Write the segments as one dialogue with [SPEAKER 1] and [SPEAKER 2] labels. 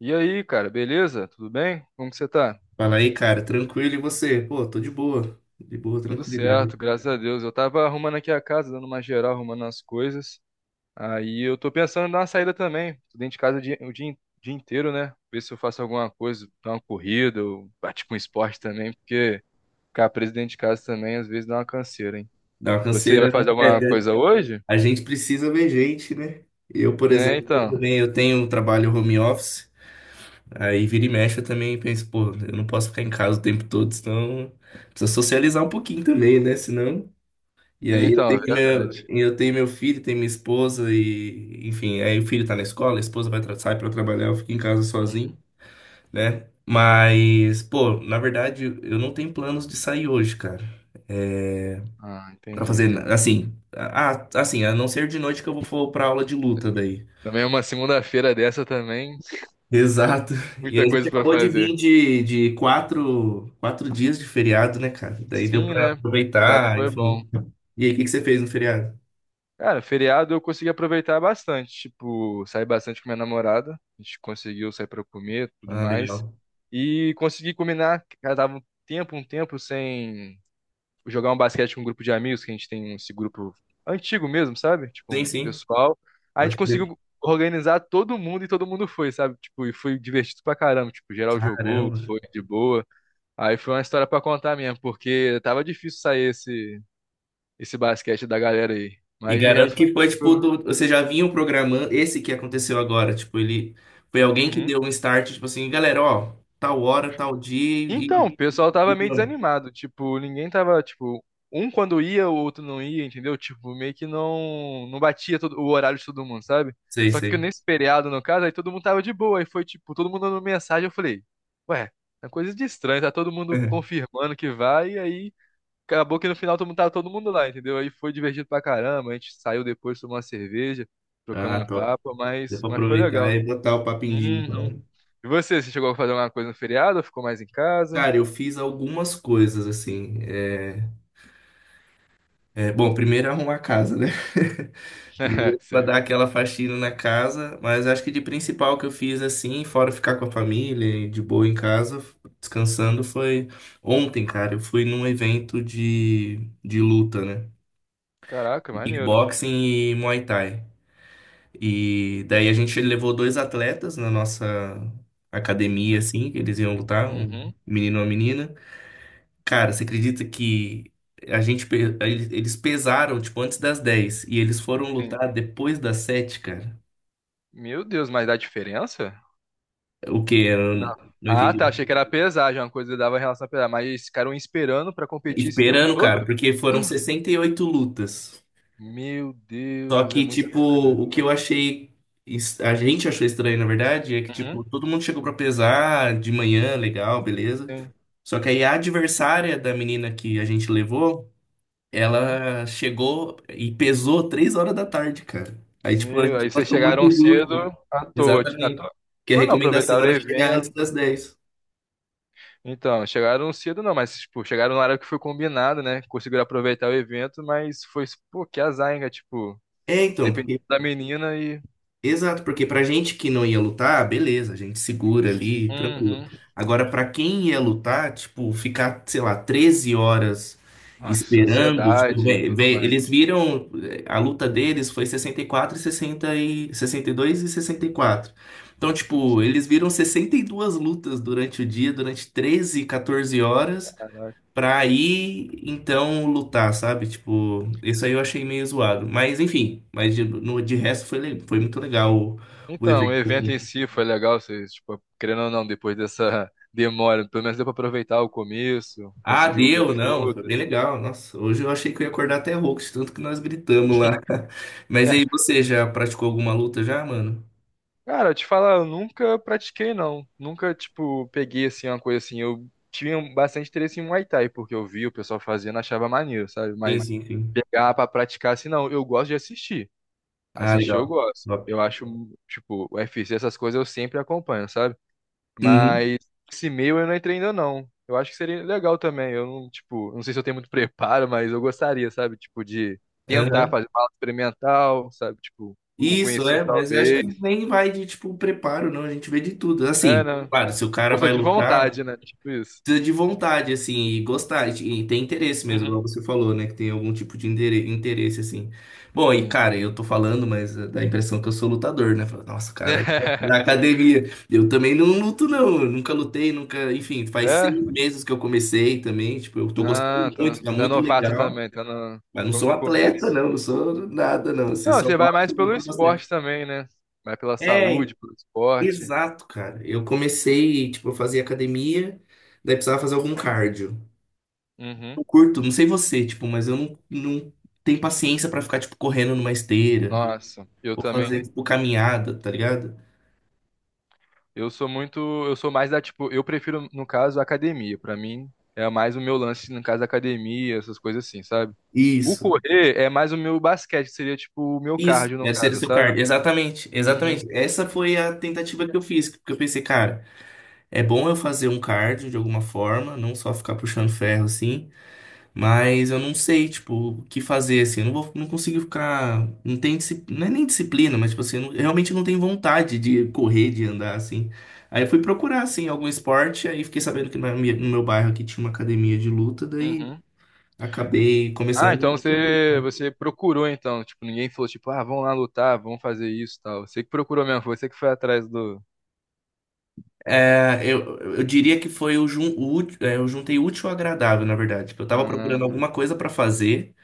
[SPEAKER 1] E aí, cara, beleza? Tudo bem? Como que você tá?
[SPEAKER 2] Fala aí, cara, tranquilo e você? Pô, tô de boa,
[SPEAKER 1] Tudo
[SPEAKER 2] tranquilidade.
[SPEAKER 1] certo, graças a Deus. Eu tava arrumando aqui a casa, dando uma geral, arrumando as coisas. Aí eu tô pensando em dar uma saída também. Tô dentro de casa dia inteiro, né? Ver se eu faço alguma coisa, dar uma corrida, ou partir com esporte também, porque ficar preso dentro de casa também às vezes dá uma canseira, hein?
[SPEAKER 2] Dá uma
[SPEAKER 1] Você vai
[SPEAKER 2] canseira,
[SPEAKER 1] fazer
[SPEAKER 2] né? É,
[SPEAKER 1] alguma coisa hoje?
[SPEAKER 2] a gente precisa ver gente, né? Eu, por
[SPEAKER 1] É,
[SPEAKER 2] exemplo, eu
[SPEAKER 1] então.
[SPEAKER 2] também eu tenho um trabalho home office. Aí vira e mexe eu também penso, pô, eu não posso ficar em casa o tempo todo, senão. Precisa socializar um pouquinho também, né? Senão. E aí
[SPEAKER 1] Então, é verdade.
[SPEAKER 2] eu tenho meu filho, tenho minha esposa e, enfim, aí o filho tá na escola, a esposa sai pra trabalhar, eu fico em casa sozinho,
[SPEAKER 1] Uhum.
[SPEAKER 2] né? Mas, pô, na verdade, eu não tenho planos de sair hoje, cara. É,
[SPEAKER 1] Ah,
[SPEAKER 2] pra
[SPEAKER 1] entendi.
[SPEAKER 2] fazer, assim, ah, assim, a não ser de noite que eu vou for pra aula de luta daí.
[SPEAKER 1] Também uma segunda-feira dessa também,
[SPEAKER 2] Exato. E aí
[SPEAKER 1] muita
[SPEAKER 2] a gente
[SPEAKER 1] coisa pra
[SPEAKER 2] acabou de vir
[SPEAKER 1] fazer.
[SPEAKER 2] de quatro dias de feriado, né, cara? Daí deu
[SPEAKER 1] Sim,
[SPEAKER 2] pra
[SPEAKER 1] né? Feriado
[SPEAKER 2] aproveitar,
[SPEAKER 1] foi
[SPEAKER 2] enfim.
[SPEAKER 1] bom.
[SPEAKER 2] E aí, o que que você fez no feriado?
[SPEAKER 1] Cara, feriado eu consegui aproveitar bastante. Tipo, saí bastante com minha namorada. A gente conseguiu sair pra comer, tudo
[SPEAKER 2] Ah,
[SPEAKER 1] mais.
[SPEAKER 2] legal.
[SPEAKER 1] E consegui combinar. Cara, tava um tempo sem jogar um basquete com um grupo de amigos, que a gente tem esse grupo antigo mesmo, sabe? Tipo,
[SPEAKER 2] Sim,
[SPEAKER 1] um
[SPEAKER 2] sim.
[SPEAKER 1] pessoal. Aí a gente
[SPEAKER 2] Pode crer.
[SPEAKER 1] conseguiu organizar todo mundo e todo mundo foi, sabe? Tipo, e foi divertido pra caramba. Tipo, geral jogou,
[SPEAKER 2] Caramba.
[SPEAKER 1] foi de boa. Aí foi uma história pra contar mesmo, porque tava difícil sair esse basquete da galera aí.
[SPEAKER 2] E
[SPEAKER 1] Mas de
[SPEAKER 2] garanto
[SPEAKER 1] resto foi
[SPEAKER 2] que foi, tipo,
[SPEAKER 1] tranquilo.
[SPEAKER 2] do, você já vinha programando. Esse que aconteceu agora, tipo, ele foi alguém que
[SPEAKER 1] Uhum.
[SPEAKER 2] deu um start, tipo assim, galera, ó, tal hora, tal dia,
[SPEAKER 1] Então, o pessoal
[SPEAKER 2] e
[SPEAKER 1] tava meio
[SPEAKER 2] vamos.
[SPEAKER 1] desanimado. Tipo, ninguém tava, tipo, um quando ia, o outro não ia, entendeu? Tipo, meio que não batia todo, o horário de todo mundo, sabe?
[SPEAKER 2] Sei,
[SPEAKER 1] Só que
[SPEAKER 2] sei.
[SPEAKER 1] nesse feriado, no caso, aí todo mundo tava de boa. Aí foi, tipo, todo mundo mandando mensagem. Eu falei, ué, é coisa de estranho, tá todo mundo confirmando que vai. E aí acabou que no final todo mundo tava todo mundo lá, entendeu? Aí foi divertido pra caramba. A gente saiu depois, tomou uma cerveja, trocamos
[SPEAKER 2] Ah,
[SPEAKER 1] um
[SPEAKER 2] top.
[SPEAKER 1] papo,
[SPEAKER 2] Deu
[SPEAKER 1] mas,
[SPEAKER 2] pra
[SPEAKER 1] mas foi
[SPEAKER 2] aproveitar
[SPEAKER 1] legal.
[SPEAKER 2] e botar o papo em dia,
[SPEAKER 1] Uhum.
[SPEAKER 2] então.
[SPEAKER 1] E você, você chegou a fazer alguma coisa no feriado ou ficou mais em casa?
[SPEAKER 2] Cara, eu fiz algumas coisas, assim, é. É, bom, primeiro é arrumar a casa, né?
[SPEAKER 1] É,
[SPEAKER 2] Primeiro pra
[SPEAKER 1] sério.
[SPEAKER 2] dar aquela faxina na casa, mas acho que de principal que eu fiz, assim, fora ficar com a família e de boa em casa, descansando, foi ontem, cara. Eu fui num evento de luta, né?
[SPEAKER 1] Caraca, maneiro.
[SPEAKER 2] Kickboxing e Muay Thai. E daí a gente levou dois atletas na nossa academia, assim, que eles iam lutar, um
[SPEAKER 1] Uhum.
[SPEAKER 2] menino e uma menina. Cara, você acredita que a gente, eles pesaram, tipo, antes das 10 e eles foram
[SPEAKER 1] Tem.
[SPEAKER 2] lutar depois das 7, cara?
[SPEAKER 1] Meu Deus, mas dá diferença?
[SPEAKER 2] O quê? Eu não
[SPEAKER 1] Não.
[SPEAKER 2] não
[SPEAKER 1] Ah,
[SPEAKER 2] entendi.
[SPEAKER 1] tá. Achei que era pesar, já uma coisa que dava relação a pesar. Mas ficaram esperando pra competir esse tempo
[SPEAKER 2] Esperando, cara,
[SPEAKER 1] todo?
[SPEAKER 2] porque foram 68 lutas.
[SPEAKER 1] Meu
[SPEAKER 2] Só
[SPEAKER 1] Deus, é
[SPEAKER 2] que,
[SPEAKER 1] muita
[SPEAKER 2] tipo,
[SPEAKER 1] coisa.
[SPEAKER 2] o que eu achei. A gente achou estranho, na verdade, é que, tipo,
[SPEAKER 1] Uhum.
[SPEAKER 2] todo mundo chegou pra pesar de manhã, legal, beleza.
[SPEAKER 1] Sim.
[SPEAKER 2] Só que aí a adversária da menina que a gente levou,
[SPEAKER 1] Uhum.
[SPEAKER 2] ela chegou e pesou 3 horas da tarde, cara. Aí, tipo, a
[SPEAKER 1] Meu,
[SPEAKER 2] gente
[SPEAKER 1] aí vocês
[SPEAKER 2] achou muito
[SPEAKER 1] chegaram cedo
[SPEAKER 2] injusto.
[SPEAKER 1] à toa. À
[SPEAKER 2] Exatamente.
[SPEAKER 1] toa.
[SPEAKER 2] Que a
[SPEAKER 1] Ou não,
[SPEAKER 2] recomendação
[SPEAKER 1] aproveitaram o
[SPEAKER 2] era chegar antes
[SPEAKER 1] evento.
[SPEAKER 2] das 10.
[SPEAKER 1] Então, chegaram cedo não, mas, tipo, chegaram na hora que foi combinado, né? Conseguiram aproveitar o evento, mas foi, pô, que azar, hein, cara? Tipo,
[SPEAKER 2] É, então,
[SPEAKER 1] dependendo
[SPEAKER 2] porque,
[SPEAKER 1] da menina e...
[SPEAKER 2] exato, porque pra gente que não ia lutar, beleza, a gente segura ali, tranquilo.
[SPEAKER 1] Uhum.
[SPEAKER 2] Agora, pra quem ia lutar, tipo, ficar, sei lá, 13 horas
[SPEAKER 1] Nossa,
[SPEAKER 2] esperando, tipo,
[SPEAKER 1] ansiedade e tudo
[SPEAKER 2] eles
[SPEAKER 1] mais.
[SPEAKER 2] viram, eh, a luta deles foi sessenta e 60 e sessenta e dois e dois e sessenta e quatro. Então,
[SPEAKER 1] Putz,
[SPEAKER 2] tipo, eles viram 62 lutas durante o dia, durante 13 14 horas.
[SPEAKER 1] caraca.
[SPEAKER 2] Pra aí então lutar, sabe? Tipo, isso aí eu achei meio zoado. Mas enfim, mas de, no, de resto foi, foi muito legal o
[SPEAKER 1] Então, o
[SPEAKER 2] evento,
[SPEAKER 1] evento em
[SPEAKER 2] assim.
[SPEAKER 1] si foi legal, vocês, tipo, querendo ou não, depois dessa demora, pelo menos deu pra aproveitar o começo,
[SPEAKER 2] Ah,
[SPEAKER 1] conseguiu ver
[SPEAKER 2] deu,
[SPEAKER 1] as
[SPEAKER 2] não, foi bem
[SPEAKER 1] lutas.
[SPEAKER 2] legal. Nossa, hoje eu achei que eu ia acordar até rouco, de tanto que nós gritamos lá. Mas aí você já praticou alguma luta já, mano?
[SPEAKER 1] Cara, eu te falar, eu nunca pratiquei, não. Nunca, tipo, peguei, assim, uma coisa assim. Eu tinha bastante interesse em Muay Thai, porque eu vi o pessoal fazendo, achava maneiro, sabe?
[SPEAKER 2] Sim,
[SPEAKER 1] Mas
[SPEAKER 2] sim, sim.
[SPEAKER 1] pegar pra praticar, assim, não. Eu gosto de assistir.
[SPEAKER 2] Ah,
[SPEAKER 1] Assistir eu
[SPEAKER 2] legal.
[SPEAKER 1] gosto.
[SPEAKER 2] Top.
[SPEAKER 1] Eu acho, tipo, o UFC, essas coisas eu sempre acompanho, sabe?
[SPEAKER 2] Uhum,
[SPEAKER 1] Mas esse meio eu não entrei ainda, não. Eu acho que seria legal também. Eu não, tipo, não sei se eu tenho muito preparo, mas eu gostaria, sabe? Tipo, de tentar
[SPEAKER 2] aham.
[SPEAKER 1] fazer uma aula experimental, sabe? Tipo, algum
[SPEAKER 2] Isso,
[SPEAKER 1] conhecido
[SPEAKER 2] é, mas eu acho
[SPEAKER 1] talvez.
[SPEAKER 2] que nem vai de, tipo, preparo, não. A gente vê de tudo.
[SPEAKER 1] É,
[SPEAKER 2] Assim,
[SPEAKER 1] né?
[SPEAKER 2] claro, se o cara
[SPEAKER 1] Força
[SPEAKER 2] vai
[SPEAKER 1] de
[SPEAKER 2] lutar,
[SPEAKER 1] vontade, né? Tipo isso.
[SPEAKER 2] precisa de vontade, assim, e gostar, e ter interesse mesmo,
[SPEAKER 1] Uhum.
[SPEAKER 2] igual você falou, né? Que tem algum tipo de interesse, assim. Bom, e
[SPEAKER 1] Sim.
[SPEAKER 2] cara, eu tô falando, mas dá a impressão que eu sou lutador, né? Fala, nossa, cara, é na academia. Eu também não luto, não. Eu nunca lutei, nunca. Enfim, faz 6
[SPEAKER 1] É?
[SPEAKER 2] meses que eu comecei também. Tipo, eu tô gostando
[SPEAKER 1] Ah, tá.
[SPEAKER 2] muito, tá
[SPEAKER 1] Tá
[SPEAKER 2] muito
[SPEAKER 1] novato
[SPEAKER 2] legal.
[SPEAKER 1] também, tá no,
[SPEAKER 2] Mas não sou
[SPEAKER 1] no
[SPEAKER 2] atleta,
[SPEAKER 1] começo.
[SPEAKER 2] não, não sou nada, não. Assim,
[SPEAKER 1] Não,
[SPEAKER 2] só
[SPEAKER 1] você vai mais
[SPEAKER 2] gosto,
[SPEAKER 1] pelo
[SPEAKER 2] gostei bastante.
[SPEAKER 1] esporte também, né? Vai pela
[SPEAKER 2] É,
[SPEAKER 1] saúde, pelo esporte.
[SPEAKER 2] exato, cara. Eu comecei, tipo, eu fazia academia, daí precisava fazer algum cardio.
[SPEAKER 1] Uhum.
[SPEAKER 2] Eu curto, não sei você, tipo, mas eu não tenho paciência pra ficar, tipo, correndo numa esteira
[SPEAKER 1] Nossa, eu
[SPEAKER 2] ou fazer,
[SPEAKER 1] também,
[SPEAKER 2] tipo, caminhada, tá ligado?
[SPEAKER 1] eu sou muito, eu sou mais da, tipo, eu prefiro, no caso, a academia. Pra mim, é mais o meu lance, no caso, da academia, essas coisas assim, sabe? O
[SPEAKER 2] Isso.
[SPEAKER 1] correr é mais o meu basquete, que seria, tipo, o meu
[SPEAKER 2] Isso,
[SPEAKER 1] cardio, no
[SPEAKER 2] deve ser o
[SPEAKER 1] caso,
[SPEAKER 2] seu
[SPEAKER 1] sabe?
[SPEAKER 2] cardio. Exatamente,
[SPEAKER 1] Uhum.
[SPEAKER 2] exatamente. Essa foi a tentativa que eu fiz, porque eu pensei, cara, é bom eu fazer um cardio de alguma forma, não só ficar puxando ferro, assim. Mas eu não sei, tipo, o que fazer, assim. Eu não vou, não consigo ficar. Não tem, não é nem disciplina, mas, tipo assim, eu, eu realmente não tenho vontade de correr, de andar, assim. Aí eu fui procurar, assim, algum esporte, aí fiquei sabendo que na no meu bairro aqui tinha uma academia de luta, daí
[SPEAKER 1] Uhum.
[SPEAKER 2] acabei
[SPEAKER 1] Ah, então
[SPEAKER 2] começando.
[SPEAKER 1] você, você procurou então, tipo, ninguém falou tipo, ah, vamos lá lutar, vamos fazer isso, e tal. Você que procurou mesmo, foi você que foi atrás do
[SPEAKER 2] É, eu diria que foi o, jun, o ú- é, eu juntei útil ao agradável, na verdade, que eu tava procurando
[SPEAKER 1] Ah,
[SPEAKER 2] alguma coisa pra fazer.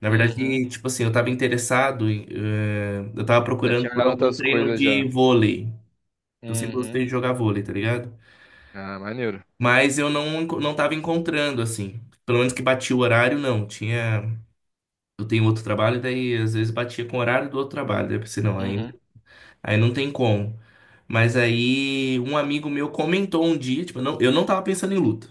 [SPEAKER 2] Na verdade,
[SPEAKER 1] uhum.
[SPEAKER 2] tipo assim, eu tava interessado em, eu tava
[SPEAKER 1] Já
[SPEAKER 2] procurando
[SPEAKER 1] tinha
[SPEAKER 2] por
[SPEAKER 1] olhado
[SPEAKER 2] algum
[SPEAKER 1] outras
[SPEAKER 2] treino
[SPEAKER 1] coisas já.
[SPEAKER 2] de vôlei. Eu sempre gostei
[SPEAKER 1] Uhum.
[SPEAKER 2] de jogar vôlei, tá ligado?
[SPEAKER 1] Ah, maneiro.
[SPEAKER 2] Mas eu não, não tava encontrando, assim. Pelo menos que batia o horário, não. Tinha. Eu tenho outro trabalho, daí às vezes batia com o horário do outro trabalho. Daí eu pensei, não, aí,
[SPEAKER 1] Uhum.
[SPEAKER 2] aí não tem como. Mas aí um amigo meu comentou um dia, tipo, não, eu não tava pensando em luta.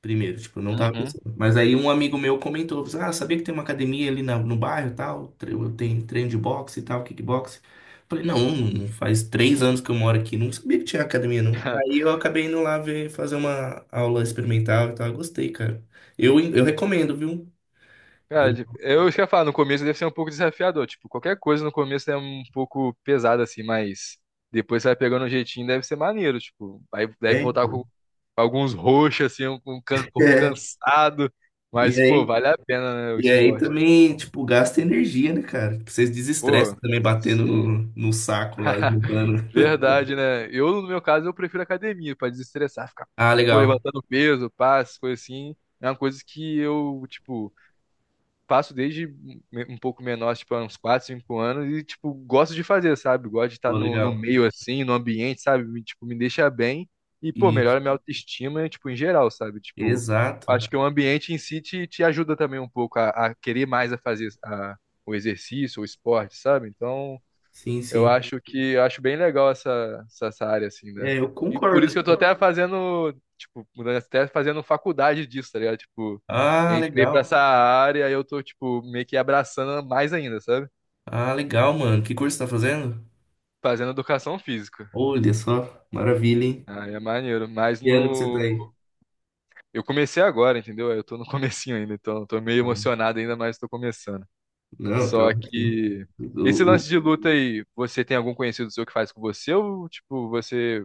[SPEAKER 2] Primeiro, tipo, eu não tava
[SPEAKER 1] Uhum.
[SPEAKER 2] pensando. Mas aí um amigo meu comentou, falou assim, ah, sabia que tem uma academia ali no bairro e tal, eu tenho treino de boxe e tal, kickboxe. Falei, não, faz 3 anos que eu moro aqui, não sabia que tinha academia, não. Aí eu acabei indo lá ver, fazer uma aula experimental e tal, eu gostei, cara. Eu recomendo, viu?
[SPEAKER 1] Cara, tipo, eu ia falar no começo deve ser um pouco desafiador, tipo, qualquer coisa no começo é um pouco pesada assim, mas depois você vai pegando um jeitinho, deve ser maneiro, tipo, vai deve
[SPEAKER 2] É,
[SPEAKER 1] voltar com alguns roxos assim, corpo
[SPEAKER 2] é.
[SPEAKER 1] cansado,
[SPEAKER 2] E
[SPEAKER 1] mas pô,
[SPEAKER 2] aí,
[SPEAKER 1] vale a pena, né, o
[SPEAKER 2] e aí
[SPEAKER 1] esporte.
[SPEAKER 2] também, tipo, gasta energia, né, cara? Vocês
[SPEAKER 1] Pô,
[SPEAKER 2] desestressam também batendo
[SPEAKER 1] sim.
[SPEAKER 2] no, no saco lá, esmurrando.
[SPEAKER 1] Verdade, né? Eu, no meu caso, eu prefiro academia pra desestressar, ficar,
[SPEAKER 2] Ah,
[SPEAKER 1] pô,
[SPEAKER 2] legal.
[SPEAKER 1] levantando peso, passo, coisa assim. É uma coisa que eu, tipo, faço desde um pouco menor, tipo, há uns 4, 5 anos e, tipo, gosto de fazer, sabe? Gosto de estar
[SPEAKER 2] Pô,
[SPEAKER 1] no, no
[SPEAKER 2] legal.
[SPEAKER 1] meio, assim, no ambiente, sabe? Me, tipo, me deixa bem e, pô,
[SPEAKER 2] Isso.
[SPEAKER 1] melhora minha autoestima, tipo, em geral, sabe? Tipo,
[SPEAKER 2] Exato.
[SPEAKER 1] acho que o ambiente em si te, ajuda também um pouco a querer mais a fazer o exercício, o esporte, sabe? Então...
[SPEAKER 2] Sim,
[SPEAKER 1] Eu
[SPEAKER 2] sim.
[SPEAKER 1] acho que eu acho bem legal essa área, assim, né?
[SPEAKER 2] É, eu
[SPEAKER 1] E por isso
[SPEAKER 2] concordo.
[SPEAKER 1] que eu tô até fazendo, tipo, mudando, até fazendo faculdade disso, tá ligado? Tipo,
[SPEAKER 2] Ah,
[SPEAKER 1] entrei pra
[SPEAKER 2] legal.
[SPEAKER 1] essa área e eu tô, tipo, meio que abraçando mais ainda, sabe?
[SPEAKER 2] Ah, legal, mano. Que curso você tá fazendo?
[SPEAKER 1] Fazendo educação física.
[SPEAKER 2] Olha só, maravilha, hein?
[SPEAKER 1] Aí é maneiro. Mas
[SPEAKER 2] Que ano que você tá
[SPEAKER 1] no.
[SPEAKER 2] aí?
[SPEAKER 1] Eu comecei agora, entendeu? Eu tô no comecinho ainda, então eu tô meio emocionado ainda, mas tô começando.
[SPEAKER 2] Não, tá
[SPEAKER 1] Só
[SPEAKER 2] aqui.
[SPEAKER 1] que. Esse
[SPEAKER 2] O-
[SPEAKER 1] lance de luta aí, você tem algum conhecido seu que faz com você ou, tipo, você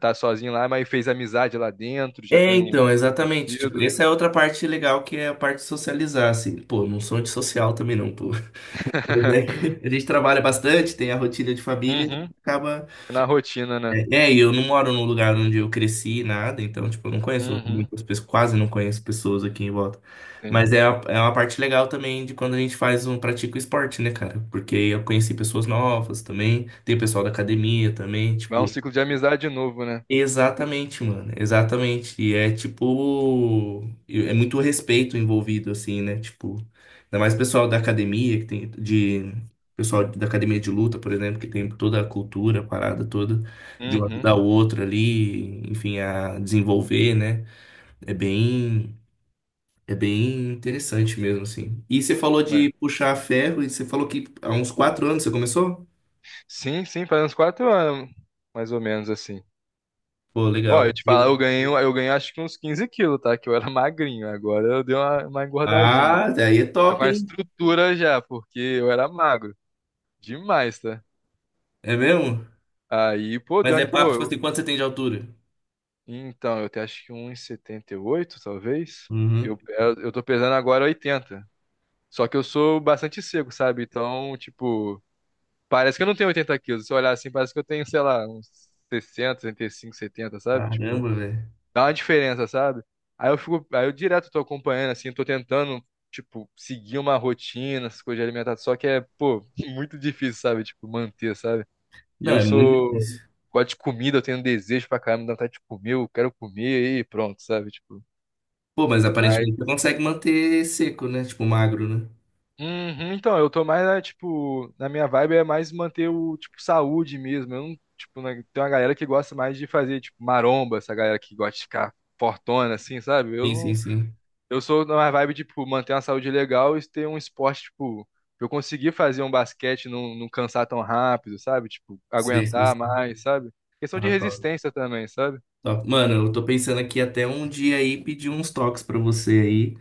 [SPEAKER 1] tá sozinho lá, mas fez amizade lá dentro, já
[SPEAKER 2] É,
[SPEAKER 1] tem um
[SPEAKER 2] então, exatamente. Tipo,
[SPEAKER 1] partido.
[SPEAKER 2] essa é outra parte legal que é a parte de socializar, assim. Pô, não sou antissocial também não, pô. Mas é que a gente trabalha bastante, tem a rotina de família,
[SPEAKER 1] Uhum.
[SPEAKER 2] acaba.
[SPEAKER 1] Na rotina, né?
[SPEAKER 2] É, e eu não moro num lugar onde eu cresci, nada, então, tipo, eu não conheço
[SPEAKER 1] Uhum.
[SPEAKER 2] muitas pessoas, quase não conheço pessoas aqui em volta. Mas é,
[SPEAKER 1] Sim.
[SPEAKER 2] a- é uma parte legal também de quando a gente faz um, pratica o esporte, né, cara? Porque eu conheci pessoas novas também, tem o pessoal da academia também,
[SPEAKER 1] Vai um
[SPEAKER 2] tipo.
[SPEAKER 1] ciclo de amizade de novo, né?
[SPEAKER 2] Exatamente, mano. Exatamente. E é tipo. É muito respeito envolvido, assim, né? Tipo. Ainda mais o pessoal da academia, que tem. De. Pessoal da academia de luta, por exemplo, que tem toda a cultura, a parada toda, de um
[SPEAKER 1] Uhum.
[SPEAKER 2] ajudar o outro ali, enfim, a desenvolver, né? É bem. É bem interessante mesmo, assim. E você falou
[SPEAKER 1] É.
[SPEAKER 2] de puxar ferro, e você falou que há uns 4 anos você começou?
[SPEAKER 1] Sim, sim, faz uns 4 anos, mais ou menos assim.
[SPEAKER 2] Pô,
[SPEAKER 1] Ó,
[SPEAKER 2] legal.
[SPEAKER 1] eu te
[SPEAKER 2] Eu...
[SPEAKER 1] falar, eu ganhei acho que uns 15 quilos, tá? Que eu era magrinho, agora eu dei uma engordadinha.
[SPEAKER 2] Ah, daí é
[SPEAKER 1] Tô com
[SPEAKER 2] top,
[SPEAKER 1] a
[SPEAKER 2] hein?
[SPEAKER 1] estrutura já, porque eu era magro. Demais, tá?
[SPEAKER 2] É mesmo?
[SPEAKER 1] Aí, pô,
[SPEAKER 2] Mas é papo, tipo
[SPEAKER 1] pô,
[SPEAKER 2] assim, quanto você tem de altura?
[SPEAKER 1] então, eu até acho que 1,78 talvez.
[SPEAKER 2] Uhum.
[SPEAKER 1] Eu tô pesando agora 80. Só que eu sou bastante seco, sabe? Então, tipo, parece que eu não tenho 80 quilos. Se eu olhar assim, parece que eu tenho, sei lá, uns 60, 65, 70, sabe? Tipo,
[SPEAKER 2] Caramba, velho.
[SPEAKER 1] dá uma diferença, sabe? Aí eu fico, aí eu direto tô acompanhando, assim, tô tentando, tipo, seguir uma rotina, essas coisas de alimentação. Só que é, pô, muito difícil, sabe? Tipo, manter, sabe? E
[SPEAKER 2] Não,
[SPEAKER 1] eu
[SPEAKER 2] é muito
[SPEAKER 1] sou.
[SPEAKER 2] difícil.
[SPEAKER 1] Gosto de comida, eu tenho desejo pra caramba, dá vontade de comer, eu quero comer e pronto, sabe? Tipo,
[SPEAKER 2] Pô, mas aparentemente você
[SPEAKER 1] mas.
[SPEAKER 2] consegue manter seco, né? Tipo, magro, né?
[SPEAKER 1] Uhum, então, eu tô mais, né, tipo, na minha vibe é mais manter o, tipo, saúde mesmo. Eu não, tipo, né, tem uma galera que gosta mais de fazer, tipo, maromba, essa galera que gosta de ficar fortona, assim, sabe? Eu
[SPEAKER 2] Sim, sim,
[SPEAKER 1] não,
[SPEAKER 2] sim.
[SPEAKER 1] eu sou na vibe, tipo, manter uma saúde legal e ter um esporte, tipo, pra eu conseguir fazer um basquete, e não cansar tão rápido, sabe? Tipo,
[SPEAKER 2] Sim, sim,
[SPEAKER 1] aguentar
[SPEAKER 2] sim.
[SPEAKER 1] mais, sabe? Questão de
[SPEAKER 2] Ah, top,
[SPEAKER 1] resistência também, sabe?
[SPEAKER 2] top. Mano, eu tô pensando aqui até um dia aí pedir uns toques pra você aí.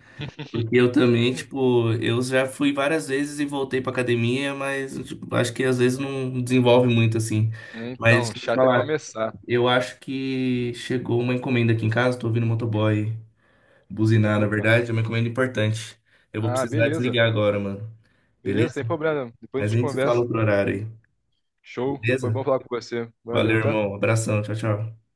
[SPEAKER 2] Porque eu também, tipo, eu já fui várias vezes e voltei pra academia, mas tipo, acho que às vezes não desenvolve muito, assim. Mas
[SPEAKER 1] Então,
[SPEAKER 2] deixa eu te
[SPEAKER 1] chato é
[SPEAKER 2] falar,
[SPEAKER 1] começar.
[SPEAKER 2] eu acho que chegou uma encomenda aqui em casa, tô ouvindo o motoboy buzinar. Na
[SPEAKER 1] Opa.
[SPEAKER 2] verdade, é uma encomenda importante. Eu vou
[SPEAKER 1] Ah,
[SPEAKER 2] precisar
[SPEAKER 1] beleza.
[SPEAKER 2] desligar agora, mano.
[SPEAKER 1] Beleza,
[SPEAKER 2] Beleza?
[SPEAKER 1] sem problema. Depois a
[SPEAKER 2] Mas a
[SPEAKER 1] gente
[SPEAKER 2] gente se fala
[SPEAKER 1] conversa.
[SPEAKER 2] outro horário aí,
[SPEAKER 1] Show. Foi
[SPEAKER 2] beleza?
[SPEAKER 1] bom falar com você.
[SPEAKER 2] Valeu,
[SPEAKER 1] Valeu, tá?
[SPEAKER 2] irmão. Abração. Tchau, tchau.